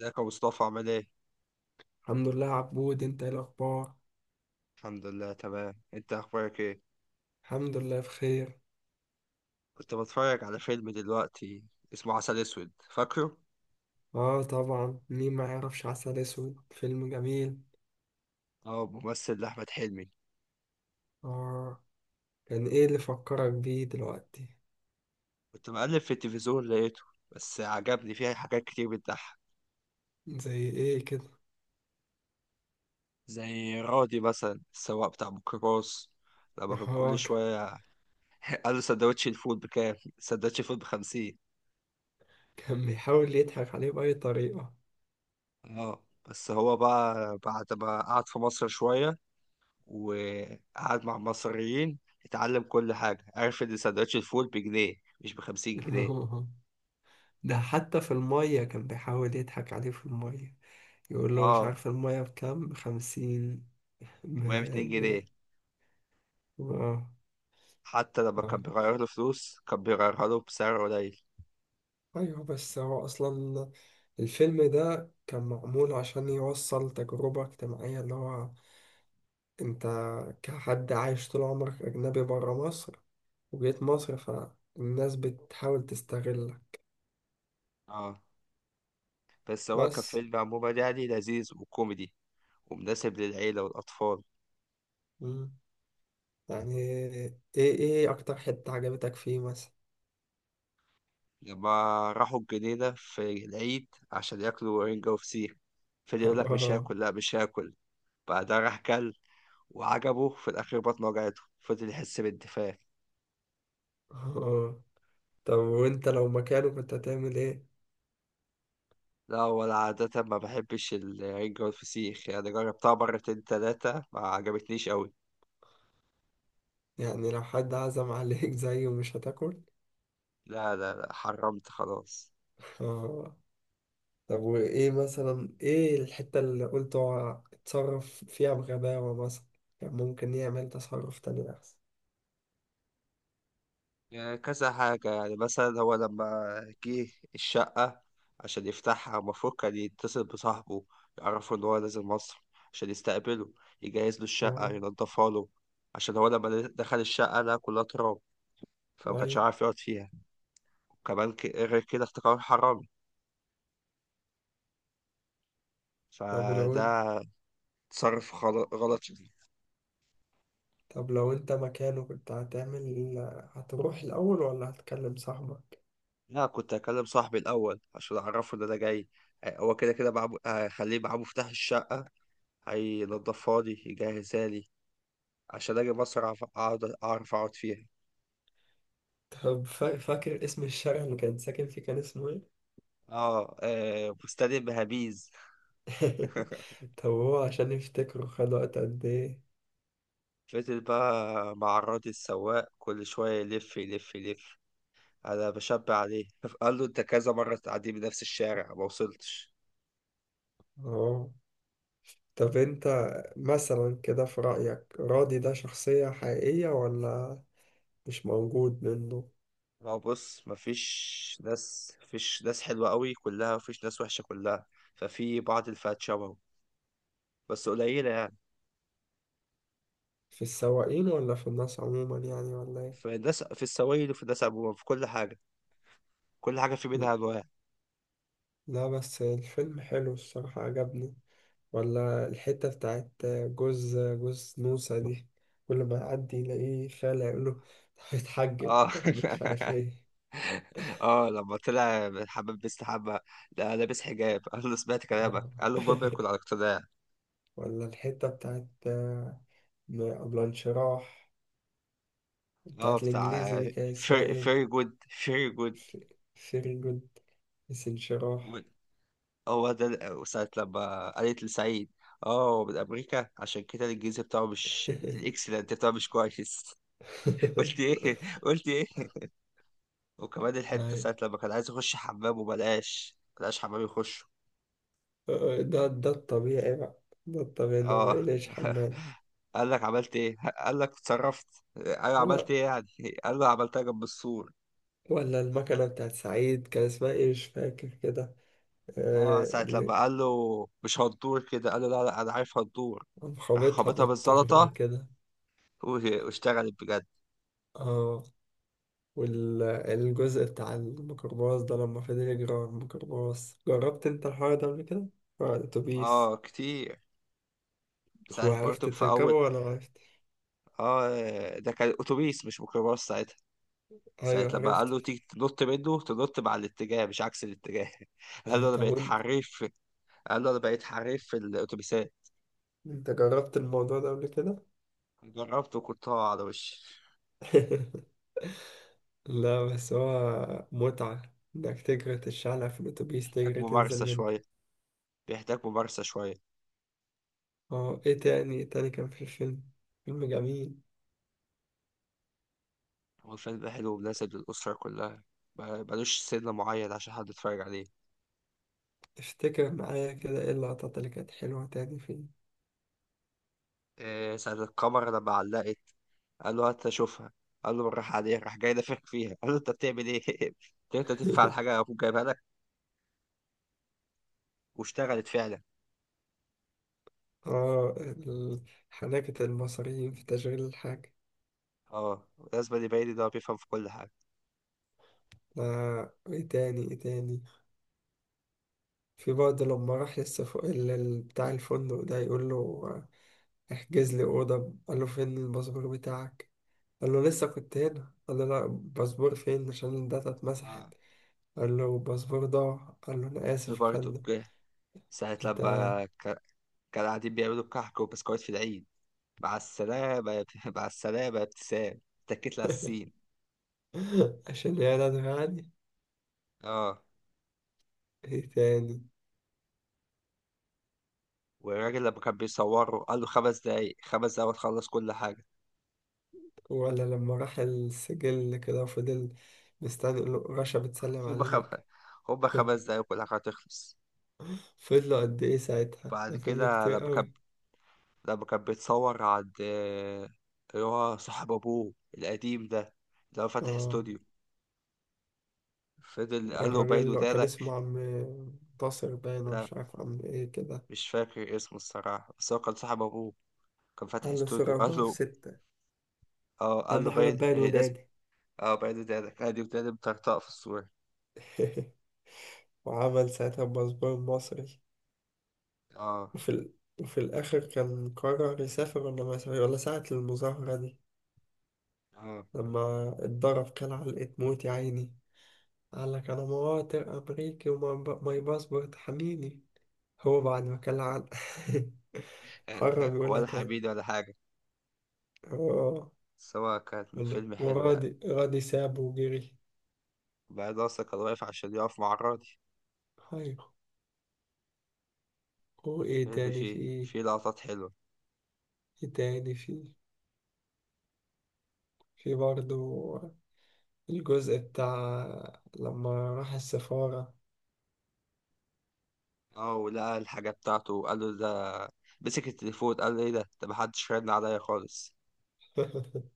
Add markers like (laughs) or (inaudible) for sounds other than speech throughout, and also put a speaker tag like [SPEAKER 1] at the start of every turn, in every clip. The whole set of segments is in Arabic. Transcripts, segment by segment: [SPEAKER 1] ازيك يا مصطفى، عامل ايه؟
[SPEAKER 2] الحمد لله، عبود. انت ايه الاخبار؟
[SPEAKER 1] الحمد لله تمام، انت اخبارك ايه؟
[SPEAKER 2] الحمد لله بخير.
[SPEAKER 1] كنت بتفرج على فيلم دلوقتي اسمه عسل اسود، فاكره؟
[SPEAKER 2] اه، طبعا. مين ما يعرفش عسل اسود؟ فيلم جميل.
[SPEAKER 1] اه، ممثل لأحمد حلمي.
[SPEAKER 2] اه. كان ايه اللي فكرك بيه دلوقتي؟
[SPEAKER 1] كنت مقلب في التلفزيون لقيته. بس عجبني فيه حاجات كتير بتضحك.
[SPEAKER 2] زي ايه كده؟ (laughs)
[SPEAKER 1] زي رادي مثلا السواق بتاع ميكروباص، لما كان
[SPEAKER 2] اه.
[SPEAKER 1] كل شوية (laughs) قال له سندوتش الفول بكام؟ سندوتش الفول ب50.
[SPEAKER 2] كان بيحاول يضحك عليه بأي طريقة.
[SPEAKER 1] اه، بس هو بقى بعد ما قعد في مصر شوية وقعد مع مصريين، اتعلم كل حاجة. عرف ان سندوتش الفول بجنيه مش ب50 جنيه.
[SPEAKER 2] (laughs) ده حتى في المية كان بيحاول يضحك عليه في المية، يقول له: مش
[SPEAKER 1] اه.
[SPEAKER 2] عارف المية بكام. بخمسين. ب...
[SPEAKER 1] وهي ب2 جنيه.
[SPEAKER 2] ب... اه.
[SPEAKER 1] حتى لما
[SPEAKER 2] آه.
[SPEAKER 1] كان بيغير له فلوس كان بيغيرها له بسعر قليل.
[SPEAKER 2] أيوه، بس هو أصلا الفيلم ده كان معمول عشان يوصل تجربة اجتماعية، اللي هو أنت، كحد عايش طول عمرك أجنبي برا مصر، وجيت مصر، فالناس بتحاول تستغلك.
[SPEAKER 1] اه، بس هو
[SPEAKER 2] بس.
[SPEAKER 1] كفيلم عموما يعني لذيذ وكوميدي ومناسب للعيلة والأطفال.
[SPEAKER 2] مم. يعني إيه أكتر حتة عجبتك فيه مثلا؟
[SPEAKER 1] لما راحوا الجنينة في العيد عشان ياكلوا رنجة وفسيخ، فضل يقول لك مش
[SPEAKER 2] (laughs)
[SPEAKER 1] هاكل، لا مش هاكل. بعدها راح كل، وعجبه في الأخير بطنه وجعته، فضل يحس بالدفاع.
[SPEAKER 2] آه. طب وأنت لو مكانه كنت هتعمل إيه؟
[SPEAKER 1] لا، ولا عادة، ما بحبش الرنجة والفسيخ، يعني جربتها مرتين تلاتة ما عجبتنيش أوي.
[SPEAKER 2] يعني لو حد عزم عليك زيه مش هتاكل؟
[SPEAKER 1] لا لا لا، حرمت خلاص.
[SPEAKER 2] (laughs) طب وإيه مثلا، إيه الحتة اللي قلت هو اتصرف فيها بغباوة مثلا؟ كان ممكن يعمل تصرف تاني أحسن.
[SPEAKER 1] يعني كذا حاجة، يعني مثلا هو لما جه الشقة عشان يفتحها، المفروض كان يتصل بصاحبه يعرفه إن هو نازل مصر عشان يستقبله، يجهز له الشقة
[SPEAKER 2] آه.
[SPEAKER 1] ينضفها له. عشان هو لما دخل الشقة لقى كلها تراب فما كانش
[SPEAKER 2] أيوة.
[SPEAKER 1] عارف يقعد فيها. وكمان غير كده افتكر حرامي.
[SPEAKER 2] طب ولو
[SPEAKER 1] فده
[SPEAKER 2] أنت
[SPEAKER 1] تصرف غلط.
[SPEAKER 2] طب لو أنت مكانه كنت هتعمل، هتروح الأول ولا هتكلم صاحبك؟
[SPEAKER 1] لا، كنت هكلم صاحبي الأول عشان أعرفه إن أنا جاي. آه، هو كده كده معاه، هخليه معاه مفتاح الشقة، هينضفها لي يجهزها لي عشان أجي مصر أعرف أقعد، أعرف أقعد فيها.
[SPEAKER 2] طب فاكر اسم الشارع اللي كان ساكن فيه؟ كان اسمه إيه؟
[SPEAKER 1] آه آه، فستان بهابيز.
[SPEAKER 2] (laughs)
[SPEAKER 1] (laughs)
[SPEAKER 2] طب هو عشان يفتكره خد وقت قد إيه؟
[SPEAKER 1] فضل بقى معرضي السواق كل شوية يلف يلف يلف، أنا بشبع عليه. (laughs) قال له أنت كذا مرة تعدي بنفس الشارع ما وصلتش.
[SPEAKER 2] آه. طب أنت مثلا كده في رأيك، راضي ده شخصية حقيقية ولا مش موجود منه؟
[SPEAKER 1] ما هو بص، مفيش ناس حلوة قوي كلها، مفيش ناس وحشة كلها. ففي بعض الفئات شبهه، بس قليلة يعني.
[SPEAKER 2] في السواقين ولا في الناس عموما يعني، ولا ايه؟
[SPEAKER 1] في ده في السوائل وفي ده سبوبة في كل حاجة. كل حاجة في
[SPEAKER 2] ل-
[SPEAKER 1] منها أنواع.
[SPEAKER 2] لا، بس الفيلم حلو، الصراحة عجبني. ولا الحتة بتاعت جوز جوز نوسة دي، كل ما يعدي يلاقيه خالع، يقول له: طب اتحجب،
[SPEAKER 1] اه.
[SPEAKER 2] طب مش عارف
[SPEAKER 1] (laughs)
[SPEAKER 2] ايه.
[SPEAKER 1] اه، لما طلع حمام مستحمى، لا لابس حجاب. (laughs) قال له سمعت كلامك، قال له المهم يكون
[SPEAKER 2] (laughs)
[SPEAKER 1] على اقتناع.
[SPEAKER 2] ولا الحتة بتاعت قبل انشراح،
[SPEAKER 1] اه،
[SPEAKER 2] بتاعت الإنجليزي
[SPEAKER 1] بتاع
[SPEAKER 2] دي، كان اسمها ايه؟
[SPEAKER 1] فيري جود فيري جود.
[SPEAKER 2] فيري جود. بس انشراح.
[SPEAKER 1] هو ده ساعة لما قالت لسعيد. اه، هو من أمريكا عشان كده الإنجليزي بتاعه مش،
[SPEAKER 2] (laughs)
[SPEAKER 1] الإكسلنت بتاعه مش كويس. (laughs) قلت إيه قلت إيه. وكمان الحتة
[SPEAKER 2] أي.
[SPEAKER 1] ساعة لما كان عايز يخش حمام وملقاش حمام يخش.
[SPEAKER 2] ده الطبيعي بقى، ده الطبيعي إنهم
[SPEAKER 1] اه.
[SPEAKER 2] يعيش حمام.
[SPEAKER 1] (laughs) قال لك عملت ايه، قال لك اتصرفت. ايوه، عملت
[SPEAKER 2] ولا
[SPEAKER 1] ايه يعني. قال له عملتها جنب السور.
[SPEAKER 2] ولا المكنة بتاعت سعيد كان اسمها إيه؟ مش فاكر كده.
[SPEAKER 1] اه،
[SPEAKER 2] آه،
[SPEAKER 1] ساعة لما
[SPEAKER 2] اللي
[SPEAKER 1] قال له مش هتدور كده، قال له لا لا انا عارف هتدور.
[SPEAKER 2] قام
[SPEAKER 1] راح
[SPEAKER 2] خابطها
[SPEAKER 1] خبطها
[SPEAKER 2] بالطوبة (laughs)
[SPEAKER 1] بالزلطة
[SPEAKER 2] كده.
[SPEAKER 1] واشتغلت بجد.
[SPEAKER 2] اه. والجزء بتاع الميكروباص ده، لما فضل يجري على الميكروباص، جربت انت الحوار ده قبل كده؟ آه، الأتوبيس.
[SPEAKER 1] اه كتير. ساعة
[SPEAKER 2] وعرفت
[SPEAKER 1] برضك في
[SPEAKER 2] تركبه
[SPEAKER 1] اول.
[SPEAKER 2] ولا عرفت؟
[SPEAKER 1] اه، ده كان اتوبيس مش ميكروباص ساعتها. ساعة
[SPEAKER 2] أيوه،
[SPEAKER 1] لما
[SPEAKER 2] عرفت.
[SPEAKER 1] قال له تيجي تنط منه، تنط مع الاتجاه مش عكس الاتجاه. (laughs) قال
[SPEAKER 2] آه،
[SPEAKER 1] له انا
[SPEAKER 2] طب
[SPEAKER 1] بقيت
[SPEAKER 2] وانت
[SPEAKER 1] حريف. قال له انا بقيت حريف في الاتوبيسات.
[SPEAKER 2] انت جربت الموضوع ده قبل كده؟
[SPEAKER 1] جربت وكنت هقع على وشي.
[SPEAKER 2] (laughs) لا، بس هو متعة، انك تجري تتشعلق في الأتوبيس،
[SPEAKER 1] محتاج
[SPEAKER 2] تجري تنزل
[SPEAKER 1] ممارسة
[SPEAKER 2] منه.
[SPEAKER 1] شوية، بيحتاج ممارسة شوية.
[SPEAKER 2] اه، ايه تاني تاني كان في الفيلم؟ فيلم جميل.
[SPEAKER 1] هو الفيلم ده حلو ومناسب للأسرة كلها، ملوش سن معين عشان حد يتفرج عليه.
[SPEAKER 2] افتكر معايا كده، ايه اللقطات اللي كانت حلوة تاني فيه؟
[SPEAKER 1] إيه ساعة الكاميرا لما علقت، قال له هات أشوفها، قال له بالراحة عليها، راح جاي نافخ فيها. قال له أنت بتعمل إيه؟ (laughs) قلت له أنت تدفع على
[SPEAKER 2] (laughs)
[SPEAKER 1] حاجة أبوك جايبها لك. واشتغلت فعلا.
[SPEAKER 2] اه. حنكة المصريين في تشغيل الحاجة.
[SPEAKER 1] أه، لازم يبين إن هو بيفهم في كل حاجة.
[SPEAKER 2] آه، ايه تاني ايه تاني. في برضه لما راح بتاع الفندق ده، يقول له: آه، احجز لي أوضة. قال له: فين الباسبور بتاعك؟ قال له: لسه كنت هنا. قال له: لا، الباسبور فين؟ عشان الداتا اتمسحت.
[SPEAKER 1] آه.
[SPEAKER 2] قال له: الباسبور ضاع. قال له: أنا
[SPEAKER 1] في
[SPEAKER 2] آسف يا
[SPEAKER 1] برضه
[SPEAKER 2] فندم.
[SPEAKER 1] ساعة
[SPEAKER 2] أنت.
[SPEAKER 1] لما كانوا قاعدين بيعملوا كحك وبسكويت في العيد. مع السلامة يا (laughs) مع السلامة يا ابتسام، اتكيت على السين.
[SPEAKER 2] (laughs) عشان يعني أنا عادي.
[SPEAKER 1] اه،
[SPEAKER 2] إيه تاني؟
[SPEAKER 1] والراجل لما كان بيصوره قال له 5 دقايق، 5 دقايق وتخلص كل حاجة.
[SPEAKER 2] ولا لما راح السجل كده، فضل مستني يقول له: رشا بتسلم
[SPEAKER 1] هما خمس
[SPEAKER 2] عليك.
[SPEAKER 1] هما 5 دقايق وكل حاجة هتخلص.
[SPEAKER 2] فضلوا قد إيه ساعتها؟
[SPEAKER 1] بعد
[SPEAKER 2] ده فضلوا
[SPEAKER 1] كده
[SPEAKER 2] كتير أوي.
[SPEAKER 1] لما كان بيتصور عند آه، اللي هو صاحب أبوه القديم ده، اللي هو فاتح
[SPEAKER 2] آه.
[SPEAKER 1] استوديو. فضل قال له
[SPEAKER 2] الراجل
[SPEAKER 1] باين
[SPEAKER 2] اللي كان
[SPEAKER 1] ودانك.
[SPEAKER 2] اسمه عم ناصر باين، أو
[SPEAKER 1] لا،
[SPEAKER 2] مش عارف عم إيه كده.
[SPEAKER 1] مش فاكر اسمه الصراحة، بس هو كان صاحب أبوه، كان فاتح
[SPEAKER 2] قال له: صورة
[SPEAKER 1] استوديو. قال
[SPEAKER 2] أربعة في
[SPEAKER 1] له
[SPEAKER 2] ستة
[SPEAKER 1] اه، قال له
[SPEAKER 2] أهم حاجة
[SPEAKER 1] باين،
[SPEAKER 2] تبين
[SPEAKER 1] آه، لازم.
[SPEAKER 2] وداني.
[SPEAKER 1] اه، باين ودانك، ادي وداني مطرطقة في الصورة.
[SPEAKER 2] (laughs) وعمل ساعتها الباسبور المصري.
[SPEAKER 1] اه.
[SPEAKER 2] وفي ال... وفي الآخر، كان قرر يسافر ولا ما يسافر؟ ولا ساعة المظاهرة دي،
[SPEAKER 1] اه،
[SPEAKER 2] لما اتضرب كان علقة موت، يا عيني. قال لك: أنا مواطن أمريكي وماي باسبورت حميني. هو بعد ما كان علق (laughs) حرم يقولها
[SPEAKER 1] ولا
[SPEAKER 2] تاني.
[SPEAKER 1] حبيبي ولا حاجة.
[SPEAKER 2] هو،
[SPEAKER 1] بس هو كان فيلم حلو يعني.
[SPEAKER 2] وراضي راضي سابه وجري.
[SPEAKER 1] بعد اصلا كان واقف عشان يقف مع الراجل.
[SPEAKER 2] هاي. هو إيه
[SPEAKER 1] فيلم
[SPEAKER 2] تاني في
[SPEAKER 1] فيه
[SPEAKER 2] إيه؟
[SPEAKER 1] فيه لقطات حلوة.
[SPEAKER 2] إيه تاني في برضه، الجزء بتاع لما راح السفارة.
[SPEAKER 1] اه، ولقى الحاجة بتاعته وقال له ده، مسك التليفون قال له ايه ده، محدش رن عليا خالص.
[SPEAKER 2] (laughs)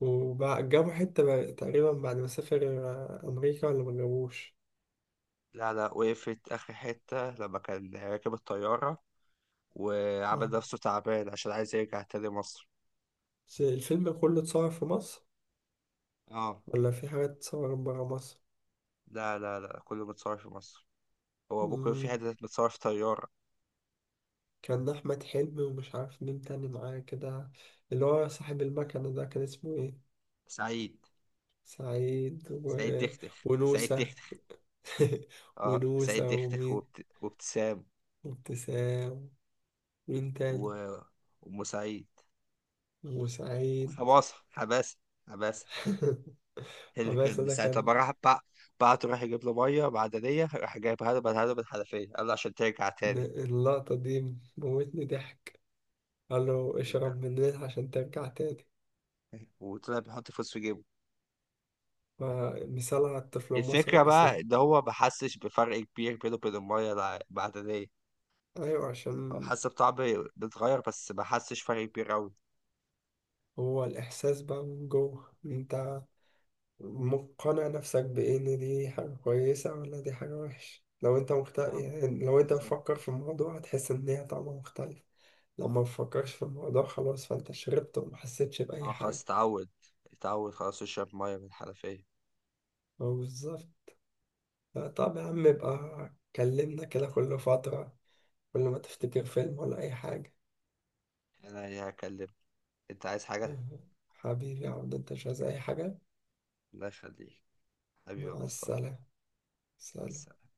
[SPEAKER 2] وجابوا حتة تقريبا، بعد ما سافر آه، أمريكا، ولا ما جابوش؟
[SPEAKER 1] لا لا، وقفت آخر حتة لما كان راكب الطيارة وعمل
[SPEAKER 2] اه،
[SPEAKER 1] نفسه تعبان عشان عايز يرجع تاني مصر.
[SPEAKER 2] بس الفيلم كله اتصور في مصر،
[SPEAKER 1] اه.
[SPEAKER 2] ولا في حاجات اتصورت برا مصر؟
[SPEAKER 1] لا لا لا، كله متصور في مصر. هو بكرة في
[SPEAKER 2] مم.
[SPEAKER 1] حتة متصور في طيارة.
[SPEAKER 2] كان أحمد حلمي ومش عارف مين تاني معاه كده، اللي هو صاحب المكنة ده، كان اسمه ايه؟
[SPEAKER 1] سعيد
[SPEAKER 2] سعيد و...
[SPEAKER 1] سعيد تختخ، سعيد
[SPEAKER 2] ونوسة.
[SPEAKER 1] تختخ.
[SPEAKER 2] (laughs)
[SPEAKER 1] اه، سعيد
[SPEAKER 2] ونوسة
[SPEAKER 1] تختخ
[SPEAKER 2] ومين؟
[SPEAKER 1] وابتسام.
[SPEAKER 2] وابتسام. مين تاني؟
[SPEAKER 1] و... وام سعيد،
[SPEAKER 2] وسعيد.
[SPEAKER 1] وحماسه حماسه حماسه.
[SPEAKER 2] (laughs)
[SPEAKER 1] اللي
[SPEAKER 2] حماسة
[SPEAKER 1] كان
[SPEAKER 2] ده
[SPEAKER 1] ساعة
[SPEAKER 2] كان.
[SPEAKER 1] لما راح بعته، راح يجيب له ميه معدنيه، راح جايب هدبة حنفيه، قال له عشان ترجع تاني.
[SPEAKER 2] اللقطة دي موتني ضحك. قال له: اشرب من النيل عشان ترجع تاني.
[SPEAKER 1] وطلع بيحط فلوس في جيبه.
[SPEAKER 2] فمثال على الطفل المصري
[SPEAKER 1] الفكرة
[SPEAKER 2] الأصيل.
[SPEAKER 1] بقى إن هو ما حسش بفرق كبير بينه وبين المية المعدنية.
[SPEAKER 2] أيوة
[SPEAKER 1] هو
[SPEAKER 2] عشان
[SPEAKER 1] حس بطعم بيتغير، بس ما حسش فرق كبير أوي.
[SPEAKER 2] هو الإحساس بقى من جوه، أنت مقتنع نفسك بإيه؟ إن دي حاجة كويسة ولا دي حاجة وحشة؟ لو أنت
[SPEAKER 1] اه،
[SPEAKER 2] يعني لو أنت
[SPEAKER 1] بالظبط.
[SPEAKER 2] بتفكر في الموضوع هتحس إن هي طعمها مختلف. لو ما بتفكرش في الموضوع، خلاص، فأنت شربت وما حسيتش بأي
[SPEAKER 1] اه، خلاص
[SPEAKER 2] حاجة.
[SPEAKER 1] اتعود، اتعود خلاص يشرب مية من الحنفية.
[SPEAKER 2] هو بالظبط. طب يا عم، يبقى كلمنا كده كل فترة، كل ما تفتكر فيلم ولا أي حاجة.
[SPEAKER 1] أنا هكلمه. انت عايز حاجة؟
[SPEAKER 2] حبيبي يا عبد، انت مش عايز اي حاجة.
[SPEAKER 1] الله يخليك، حبيبي يا
[SPEAKER 2] مع
[SPEAKER 1] مصطفى.
[SPEAKER 2] السلامة.
[SPEAKER 1] مع
[SPEAKER 2] سلام.
[SPEAKER 1] السلامة.